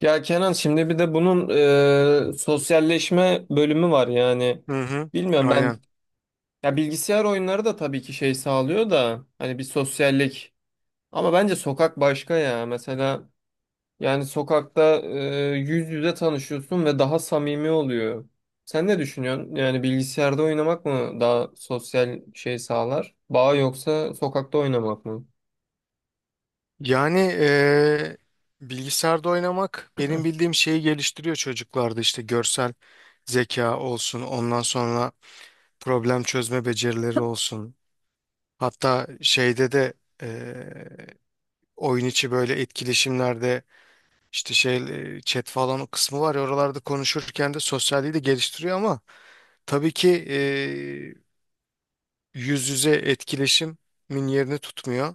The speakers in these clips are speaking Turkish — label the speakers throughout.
Speaker 1: Ya Kenan şimdi bir de bunun sosyalleşme bölümü var yani.
Speaker 2: Hı hı,
Speaker 1: Bilmiyorum ben
Speaker 2: aynen.
Speaker 1: ya bilgisayar oyunları da tabii ki şey sağlıyor da hani bir sosyallik ama bence sokak başka ya. Mesela yani sokakta yüz yüze tanışıyorsun ve daha samimi oluyor. Sen ne düşünüyorsun? Yani bilgisayarda oynamak mı daha sosyal şey sağlar? Bağ yoksa sokakta oynamak mı?
Speaker 2: Yani eee, Bilgisayarda oynamak benim bildiğim şeyi geliştiriyor çocuklarda, işte görsel zeka olsun, ondan sonra problem çözme becerileri olsun. Hatta şeyde de eee, oyun içi böyle etkileşimlerde işte şey chat falan o kısmı var ya, oralarda konuşurken de sosyalliği de geliştiriyor, ama tabii ki yüz yüze etkileşimin yerini tutmuyor.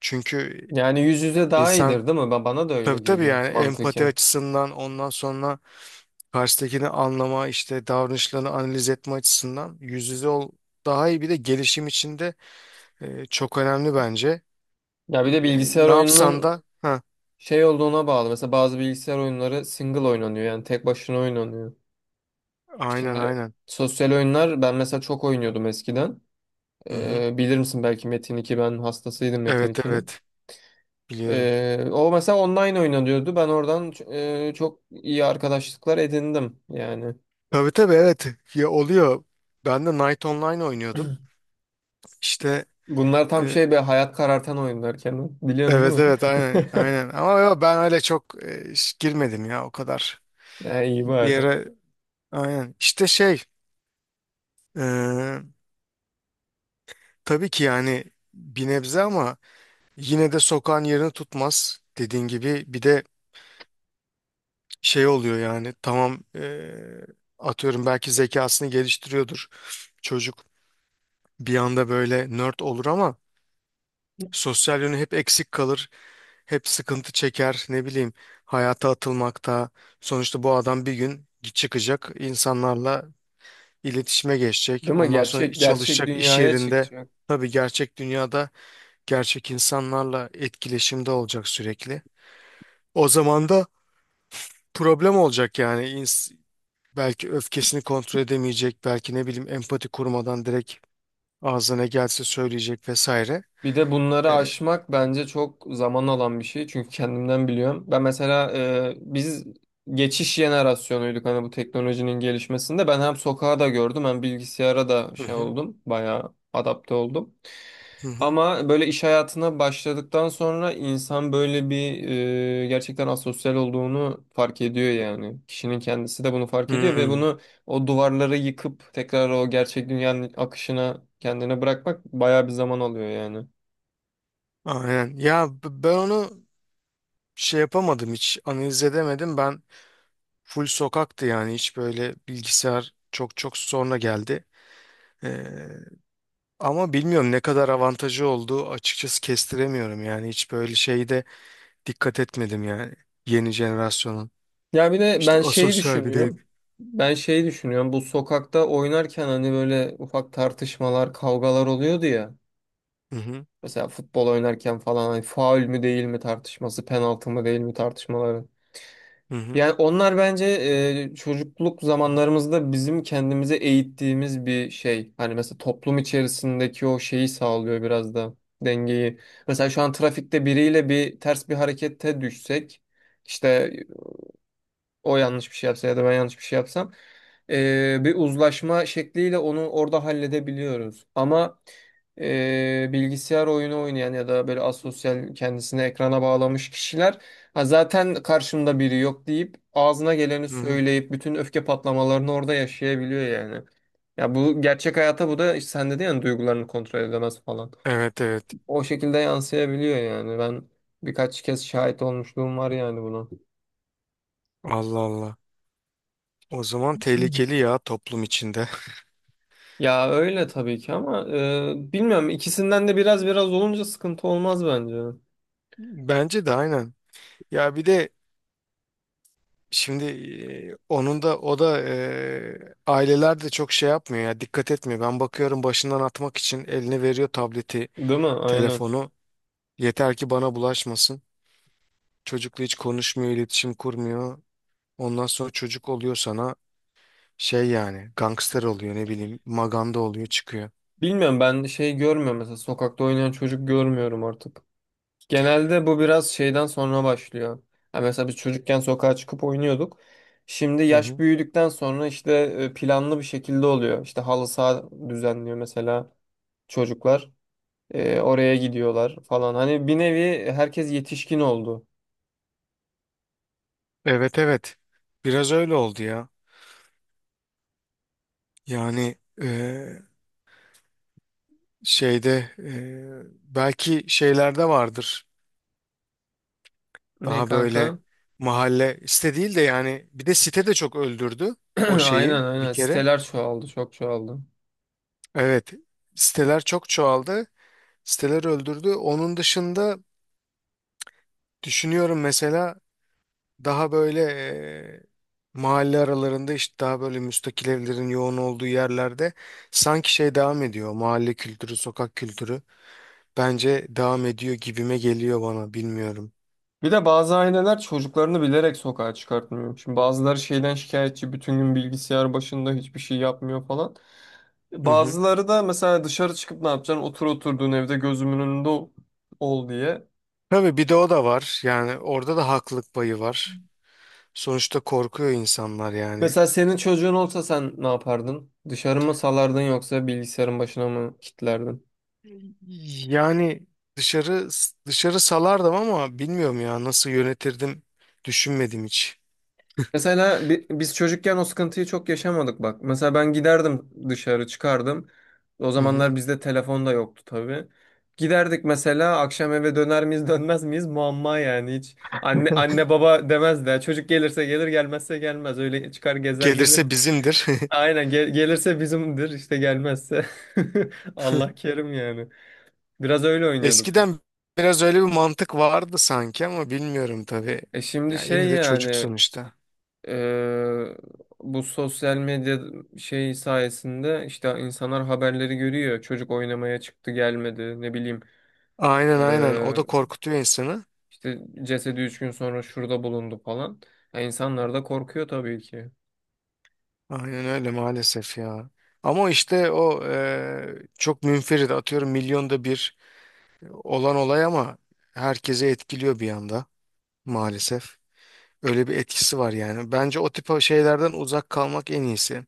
Speaker 2: Çünkü
Speaker 1: Yani yüz yüze daha
Speaker 2: insan.
Speaker 1: iyidir değil mi? Bana da öyle
Speaker 2: Tabii tabii,
Speaker 1: geliyor
Speaker 2: yani empati
Speaker 1: mantıken.
Speaker 2: açısından, ondan sonra karşıdakini anlama, işte davranışlarını analiz etme açısından yüz yüze ol daha iyi, bir de gelişim içinde çok önemli bence.
Speaker 1: Ya bir de
Speaker 2: Yani
Speaker 1: bilgisayar
Speaker 2: ne yapsan
Speaker 1: oyununun
Speaker 2: da ha,
Speaker 1: şey olduğuna bağlı. Mesela bazı bilgisayar oyunları single oynanıyor. Yani tek başına oynanıyor.
Speaker 2: aynen
Speaker 1: Şimdi
Speaker 2: aynen.
Speaker 1: sosyal oyunlar ben mesela çok oynuyordum eskiden.
Speaker 2: Hı hı.
Speaker 1: Bilir misin belki Metin 2 ben hastasıydım Metin
Speaker 2: Evet
Speaker 1: 2'nin.
Speaker 2: evet, biliyorum.
Speaker 1: O mesela online oynanıyordu. Ben oradan çok iyi arkadaşlıklar edindim yani.
Speaker 2: Tabii tabii, evet, ya oluyor. Ben de Night Online oynuyordum. İşte
Speaker 1: Bunlar tam
Speaker 2: e,
Speaker 1: şey bir hayat karartan oyunlar Kenan. Biliyorsun değil
Speaker 2: evet
Speaker 1: mi?
Speaker 2: evet, aynen aynen, ama ya ben öyle çok girmedim ya o kadar.
Speaker 1: Ha, iyi
Speaker 2: Bir
Speaker 1: bari.
Speaker 2: yere aynen, işte şey, e, tabii ki yani bir nebze, ama yine de sokağın yerini tutmaz. Dediğin gibi, bir de şey oluyor yani. Tamam, atıyorum belki zekasını geliştiriyordur çocuk, bir anda böyle nerd olur, ama sosyal yönü hep eksik kalır. Hep sıkıntı çeker, ne bileyim, hayata atılmakta. Sonuçta bu adam bir gün çıkacak, insanlarla iletişime geçecek.
Speaker 1: Değil mi?
Speaker 2: Ondan sonra
Speaker 1: Gerçek gerçek
Speaker 2: çalışacak iş
Speaker 1: dünyaya
Speaker 2: yerinde,
Speaker 1: çıkacak.
Speaker 2: tabii, gerçek dünyada gerçek insanlarla etkileşimde olacak sürekli. O zaman da problem olacak yani. Belki öfkesini kontrol edemeyecek, belki ne bileyim empati kurmadan direkt ağzına ne gelse söyleyecek vesaire.
Speaker 1: Bir de bunları
Speaker 2: E,
Speaker 1: aşmak bence çok zaman alan bir şey. Çünkü kendimden biliyorum. Ben mesela biz geçiş jenerasyonuyduk hani bu teknolojinin gelişmesinde. Ben hem sokağa da gördüm hem bilgisayara da
Speaker 2: Hı
Speaker 1: şey
Speaker 2: hı.
Speaker 1: oldum. Bayağı adapte oldum.
Speaker 2: Hı hı.
Speaker 1: Ama böyle iş hayatına başladıktan sonra insan böyle bir gerçekten asosyal olduğunu fark ediyor yani. Kişinin kendisi de bunu fark ediyor ve
Speaker 2: Hmm,
Speaker 1: bunu o duvarları yıkıp tekrar o gerçek dünyanın akışına kendini bırakmak bayağı bir zaman alıyor yani.
Speaker 2: aynen. Ya, ben onu şey yapamadım, hiç analiz edemedim. Ben full sokaktı yani, hiç böyle bilgisayar çok çok sonra geldi. E, Ama bilmiyorum ne kadar avantajı olduğu, açıkçası kestiremiyorum yani, hiç böyle şeyde dikkat etmedim yani. Yeni jenerasyonun.
Speaker 1: Ya bir de
Speaker 2: İşte asosyal bir değil.
Speaker 1: Ben şeyi düşünüyorum. Bu sokakta oynarken hani böyle ufak tartışmalar, kavgalar oluyordu ya.
Speaker 2: Hı hı.
Speaker 1: Mesela futbol oynarken falan hani faul mü değil mi tartışması, penaltı mı değil mi tartışmaları.
Speaker 2: Hı hı.
Speaker 1: Yani onlar bence çocukluk zamanlarımızda bizim kendimize eğittiğimiz bir şey. Hani mesela toplum içerisindeki o şeyi sağlıyor biraz da dengeyi. Mesela şu an trafikte biriyle bir ters bir harekete düşsek işte o yanlış bir şey yapsa ya da ben yanlış bir şey yapsam bir uzlaşma şekliyle onu orada halledebiliyoruz. Ama bilgisayar oyunu oynayan ya da böyle asosyal kendisini ekrana bağlamış kişiler ha, zaten karşımda biri yok deyip ağzına geleni
Speaker 2: Hı hı.
Speaker 1: söyleyip bütün öfke patlamalarını orada yaşayabiliyor yani. Ya bu gerçek hayata bu da işte sen dedin ya hani duygularını kontrol edemez falan.
Speaker 2: Evet evet.
Speaker 1: O şekilde yansıyabiliyor yani. Ben birkaç kez şahit olmuşluğum var yani buna.
Speaker 2: Allah Allah. O zaman tehlikeli ya toplum içinde.
Speaker 1: Ya öyle tabii ki ama bilmiyorum ikisinden de biraz biraz olunca sıkıntı olmaz bence.
Speaker 2: Bence de aynen. Ya bir de şimdi onun da, o da, aileler de çok şey yapmıyor ya, dikkat etmiyor. Ben bakıyorum, başından atmak için eline veriyor tableti,
Speaker 1: Değil mi? Aynen.
Speaker 2: telefonu. Yeter ki bana bulaşmasın. Çocukla hiç konuşmuyor, iletişim kurmuyor. Ondan sonra çocuk oluyor sana. Şey yani, gangster oluyor, ne bileyim maganda oluyor çıkıyor.
Speaker 1: Bilmiyorum ben şey görmüyorum mesela sokakta oynayan çocuk görmüyorum artık. Genelde bu biraz şeyden sonra başlıyor. Ha, mesela biz çocukken sokağa çıkıp oynuyorduk. Şimdi
Speaker 2: Hı
Speaker 1: yaş
Speaker 2: hı.
Speaker 1: büyüdükten sonra işte planlı bir şekilde oluyor. İşte halı saha düzenliyor mesela çocuklar. Oraya gidiyorlar falan. Hani bir nevi herkes yetişkin oldu.
Speaker 2: Evet evet, biraz öyle oldu ya. Yani eee, şeyde belki şeylerde vardır
Speaker 1: Ne
Speaker 2: daha böyle.
Speaker 1: kanka?
Speaker 2: Mahalle site değil de, yani bir de site de çok öldürdü o
Speaker 1: Aynen,
Speaker 2: şeyi bir
Speaker 1: aynen.
Speaker 2: kere.
Speaker 1: Siteler çoğaldı, çok çoğaldı.
Speaker 2: Evet, siteler çok çoğaldı, siteler öldürdü. Onun dışında düşünüyorum mesela, daha böyle mahalle aralarında, işte daha böyle müstakil evlerin yoğun olduğu yerlerde sanki şey devam ediyor. Mahalle kültürü, sokak kültürü bence devam ediyor gibime geliyor bana, bilmiyorum.
Speaker 1: Bir de bazı aileler çocuklarını bilerek sokağa çıkartmıyor. Şimdi bazıları şeyden şikayetçi, bütün gün bilgisayar başında hiçbir şey yapmıyor falan.
Speaker 2: Hı hı.
Speaker 1: Bazıları da mesela dışarı çıkıp ne yapacaksın? Otur oturduğun evde gözümün önünde ol diye.
Speaker 2: Tabii, bir de o da var. Yani orada da haklılık payı var. Sonuçta korkuyor insanlar yani.
Speaker 1: Mesela senin çocuğun olsa sen ne yapardın? Dışarı mı salardın yoksa bilgisayarın başına mı kilitlerdin?
Speaker 2: Yani dışarı dışarı salardım, ama bilmiyorum ya, nasıl yönetirdim düşünmedim hiç.
Speaker 1: Mesela biz çocukken o sıkıntıyı çok yaşamadık bak. Mesela ben giderdim dışarı çıkardım. O
Speaker 2: Hı hı.
Speaker 1: zamanlar bizde telefon da yoktu tabii. Giderdik mesela akşam eve döner miyiz dönmez miyiz muamma yani hiç. Anne anne baba demez de çocuk gelirse gelir gelmezse gelmez öyle çıkar gezer
Speaker 2: Gelirse
Speaker 1: gelirdik.
Speaker 2: bizimdir.
Speaker 1: Aynen gelirse bizimdir işte gelmezse Allah kerim yani. Biraz öyle oynuyorduk.
Speaker 2: Eskiden biraz öyle bir mantık vardı sanki, ama bilmiyorum tabii.
Speaker 1: E şimdi
Speaker 2: Ya
Speaker 1: şey
Speaker 2: yine de çocuk
Speaker 1: yani
Speaker 2: sonuçta.
Speaker 1: Eee, bu sosyal medya şey sayesinde işte insanlar haberleri görüyor. Çocuk oynamaya çıktı gelmedi ne bileyim.
Speaker 2: Aynen aynen, o
Speaker 1: Eee,
Speaker 2: da korkutuyor insanı.
Speaker 1: işte cesedi üç gün sonra şurada bulundu falan. Ya insanlar da korkuyor tabii ki.
Speaker 2: Aynen öyle maalesef ya. Ama işte o çok münferit, atıyorum milyonda bir olan olay, ama herkese etkiliyor bir anda maalesef. Öyle bir etkisi var yani. Bence o tip şeylerden uzak kalmak en iyisi.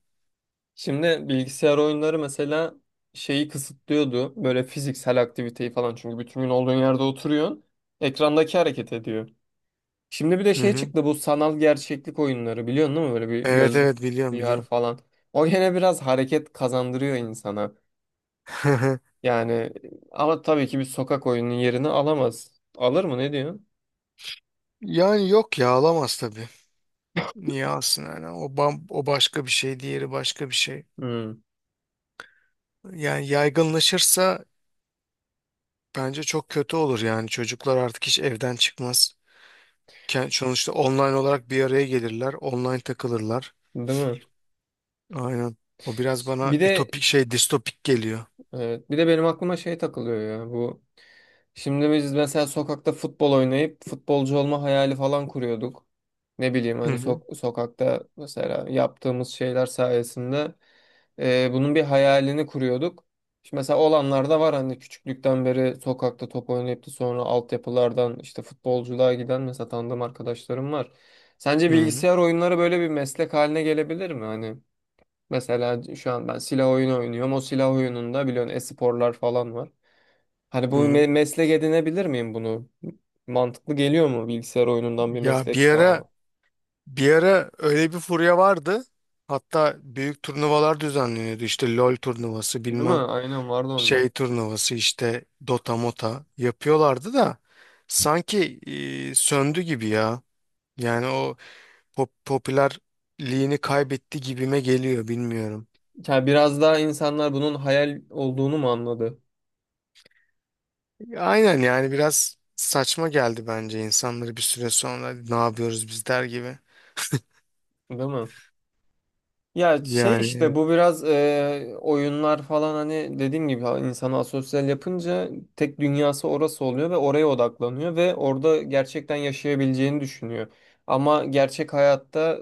Speaker 1: Şimdi bilgisayar oyunları mesela şeyi kısıtlıyordu. Böyle fiziksel aktiviteyi falan. Çünkü bütün gün olduğun yerde oturuyorsun. Ekrandaki hareket ediyor. Şimdi bir de
Speaker 2: Hı
Speaker 1: şey
Speaker 2: hı.
Speaker 1: çıktı bu sanal gerçeklik oyunları biliyorsun değil mi? Böyle bir
Speaker 2: Evet
Speaker 1: gözlük,
Speaker 2: evet, biliyorum
Speaker 1: VR
Speaker 2: biliyorum.
Speaker 1: falan. O gene biraz hareket kazandırıyor insana. Yani ama tabii ki bir sokak oyunun yerini alamaz. Alır mı ne diyorsun?
Speaker 2: Yani yok ya, alamaz tabii. Niye alsın yani? O bam, o başka bir şey, diğeri başka bir şey.
Speaker 1: Hmm,
Speaker 2: Yani yaygınlaşırsa bence çok kötü olur yani. Çocuklar artık hiç evden çıkmaz. Sonuçta online olarak bir araya gelirler, online takılırlar.
Speaker 1: değil mi?
Speaker 2: Aynen. O biraz bana
Speaker 1: Bir de
Speaker 2: ütopik şey, distopik geliyor.
Speaker 1: Evet. Bir de benim aklıma şey takılıyor ya bu. Şimdi biz mesela sokakta futbol oynayıp futbolcu olma hayali falan kuruyorduk. Ne bileyim
Speaker 2: Hı
Speaker 1: hani
Speaker 2: hı.
Speaker 1: sokakta mesela yaptığımız şeyler sayesinde bunun bir hayalini kuruyorduk. Şimdi mesela olanlar da var hani küçüklükten beri sokakta top oynayıp da sonra altyapılardan işte futbolculuğa giden mesela tanıdığım arkadaşlarım var. Sence
Speaker 2: Hı hı.
Speaker 1: bilgisayar oyunları böyle bir meslek haline gelebilir mi? Hani mesela şu an ben silah oyunu oynuyorum. O silah oyununda biliyorsun e-sporlar falan var. Hani
Speaker 2: Hı
Speaker 1: bu
Speaker 2: hı.
Speaker 1: meslek edinebilir miyim bunu? Mantıklı geliyor mu bilgisayar oyunundan bir
Speaker 2: Ya
Speaker 1: meslek
Speaker 2: bir ara
Speaker 1: sağlamak?
Speaker 2: bir ara öyle bir furya vardı. Hatta büyük turnuvalar düzenleniyordu. İşte LoL turnuvası,
Speaker 1: Değil mi?
Speaker 2: bilmem
Speaker 1: Aynen vardı onlar.
Speaker 2: şey turnuvası, işte Dota Mota yapıyorlardı da sanki söndü gibi ya. Yani o popülerliğini kaybetti gibime geliyor, bilmiyorum.
Speaker 1: Ya biraz daha insanlar bunun hayal olduğunu mu anladı?
Speaker 2: Aynen, yani biraz saçma geldi bence insanları bir süre sonra ne yapıyoruz biz der gibi.
Speaker 1: Değil mi? Ya şey
Speaker 2: Yani
Speaker 1: işte
Speaker 2: evet.
Speaker 1: bu biraz oyunlar falan hani dediğim gibi insanı asosyal yapınca tek dünyası orası oluyor ve oraya odaklanıyor ve orada gerçekten yaşayabileceğini düşünüyor. Ama gerçek hayatta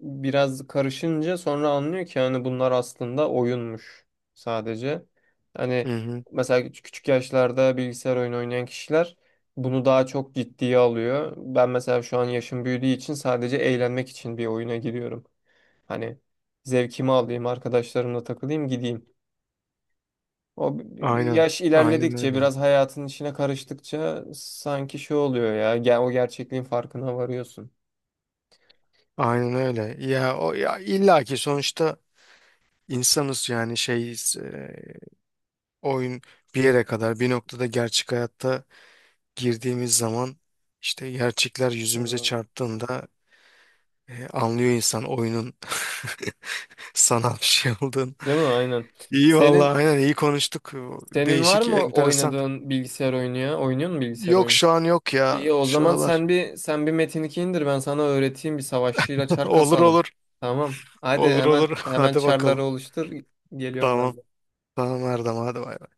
Speaker 1: biraz karışınca sonra anlıyor ki hani bunlar aslında oyunmuş sadece.
Speaker 2: Hı
Speaker 1: Hani
Speaker 2: hı.
Speaker 1: mesela küçük yaşlarda bilgisayar oyunu oynayan kişiler bunu daha çok ciddiye alıyor. Ben mesela şu an yaşım büyüdüğü için sadece eğlenmek için bir oyuna giriyorum. Hani zevkimi alayım, arkadaşlarımla takılayım, gideyim. O
Speaker 2: Aynen.
Speaker 1: yaş
Speaker 2: Aynen
Speaker 1: ilerledikçe,
Speaker 2: öyle.
Speaker 1: biraz hayatın içine karıştıkça sanki şey oluyor ya. Gel o gerçekliğin farkına varıyorsun.
Speaker 2: Aynen öyle. Ya o, ya illaki sonuçta insanız yani, oyun bir yere kadar, bir noktada gerçek hayatta girdiğimiz zaman, işte gerçekler yüzümüze
Speaker 1: Aa,
Speaker 2: çarptığında, anlıyor insan oyunun sanal bir şey olduğunu.
Speaker 1: değil mi? Aynen.
Speaker 2: İyi
Speaker 1: Senin
Speaker 2: vallahi, aynen, iyi konuştuk.
Speaker 1: Senin var
Speaker 2: Değişik,
Speaker 1: mı
Speaker 2: enteresan.
Speaker 1: oynadığın bilgisayar oyunu ya? Oynuyor musun bilgisayar
Speaker 2: Yok,
Speaker 1: oyunu?
Speaker 2: şu an yok ya
Speaker 1: İyi o
Speaker 2: şu
Speaker 1: zaman
Speaker 2: aralar.
Speaker 1: sen bir Metin 2 indir ben sana öğreteyim bir savaşçıyla çar
Speaker 2: Olur
Speaker 1: kasalım.
Speaker 2: olur.
Speaker 1: Tamam. Hadi
Speaker 2: Olur olur.
Speaker 1: hemen
Speaker 2: Hadi
Speaker 1: çarları
Speaker 2: bakalım.
Speaker 1: oluştur. Geliyorum
Speaker 2: Tamam.
Speaker 1: ben. De.
Speaker 2: Tamam Erdem, hadi bay bay.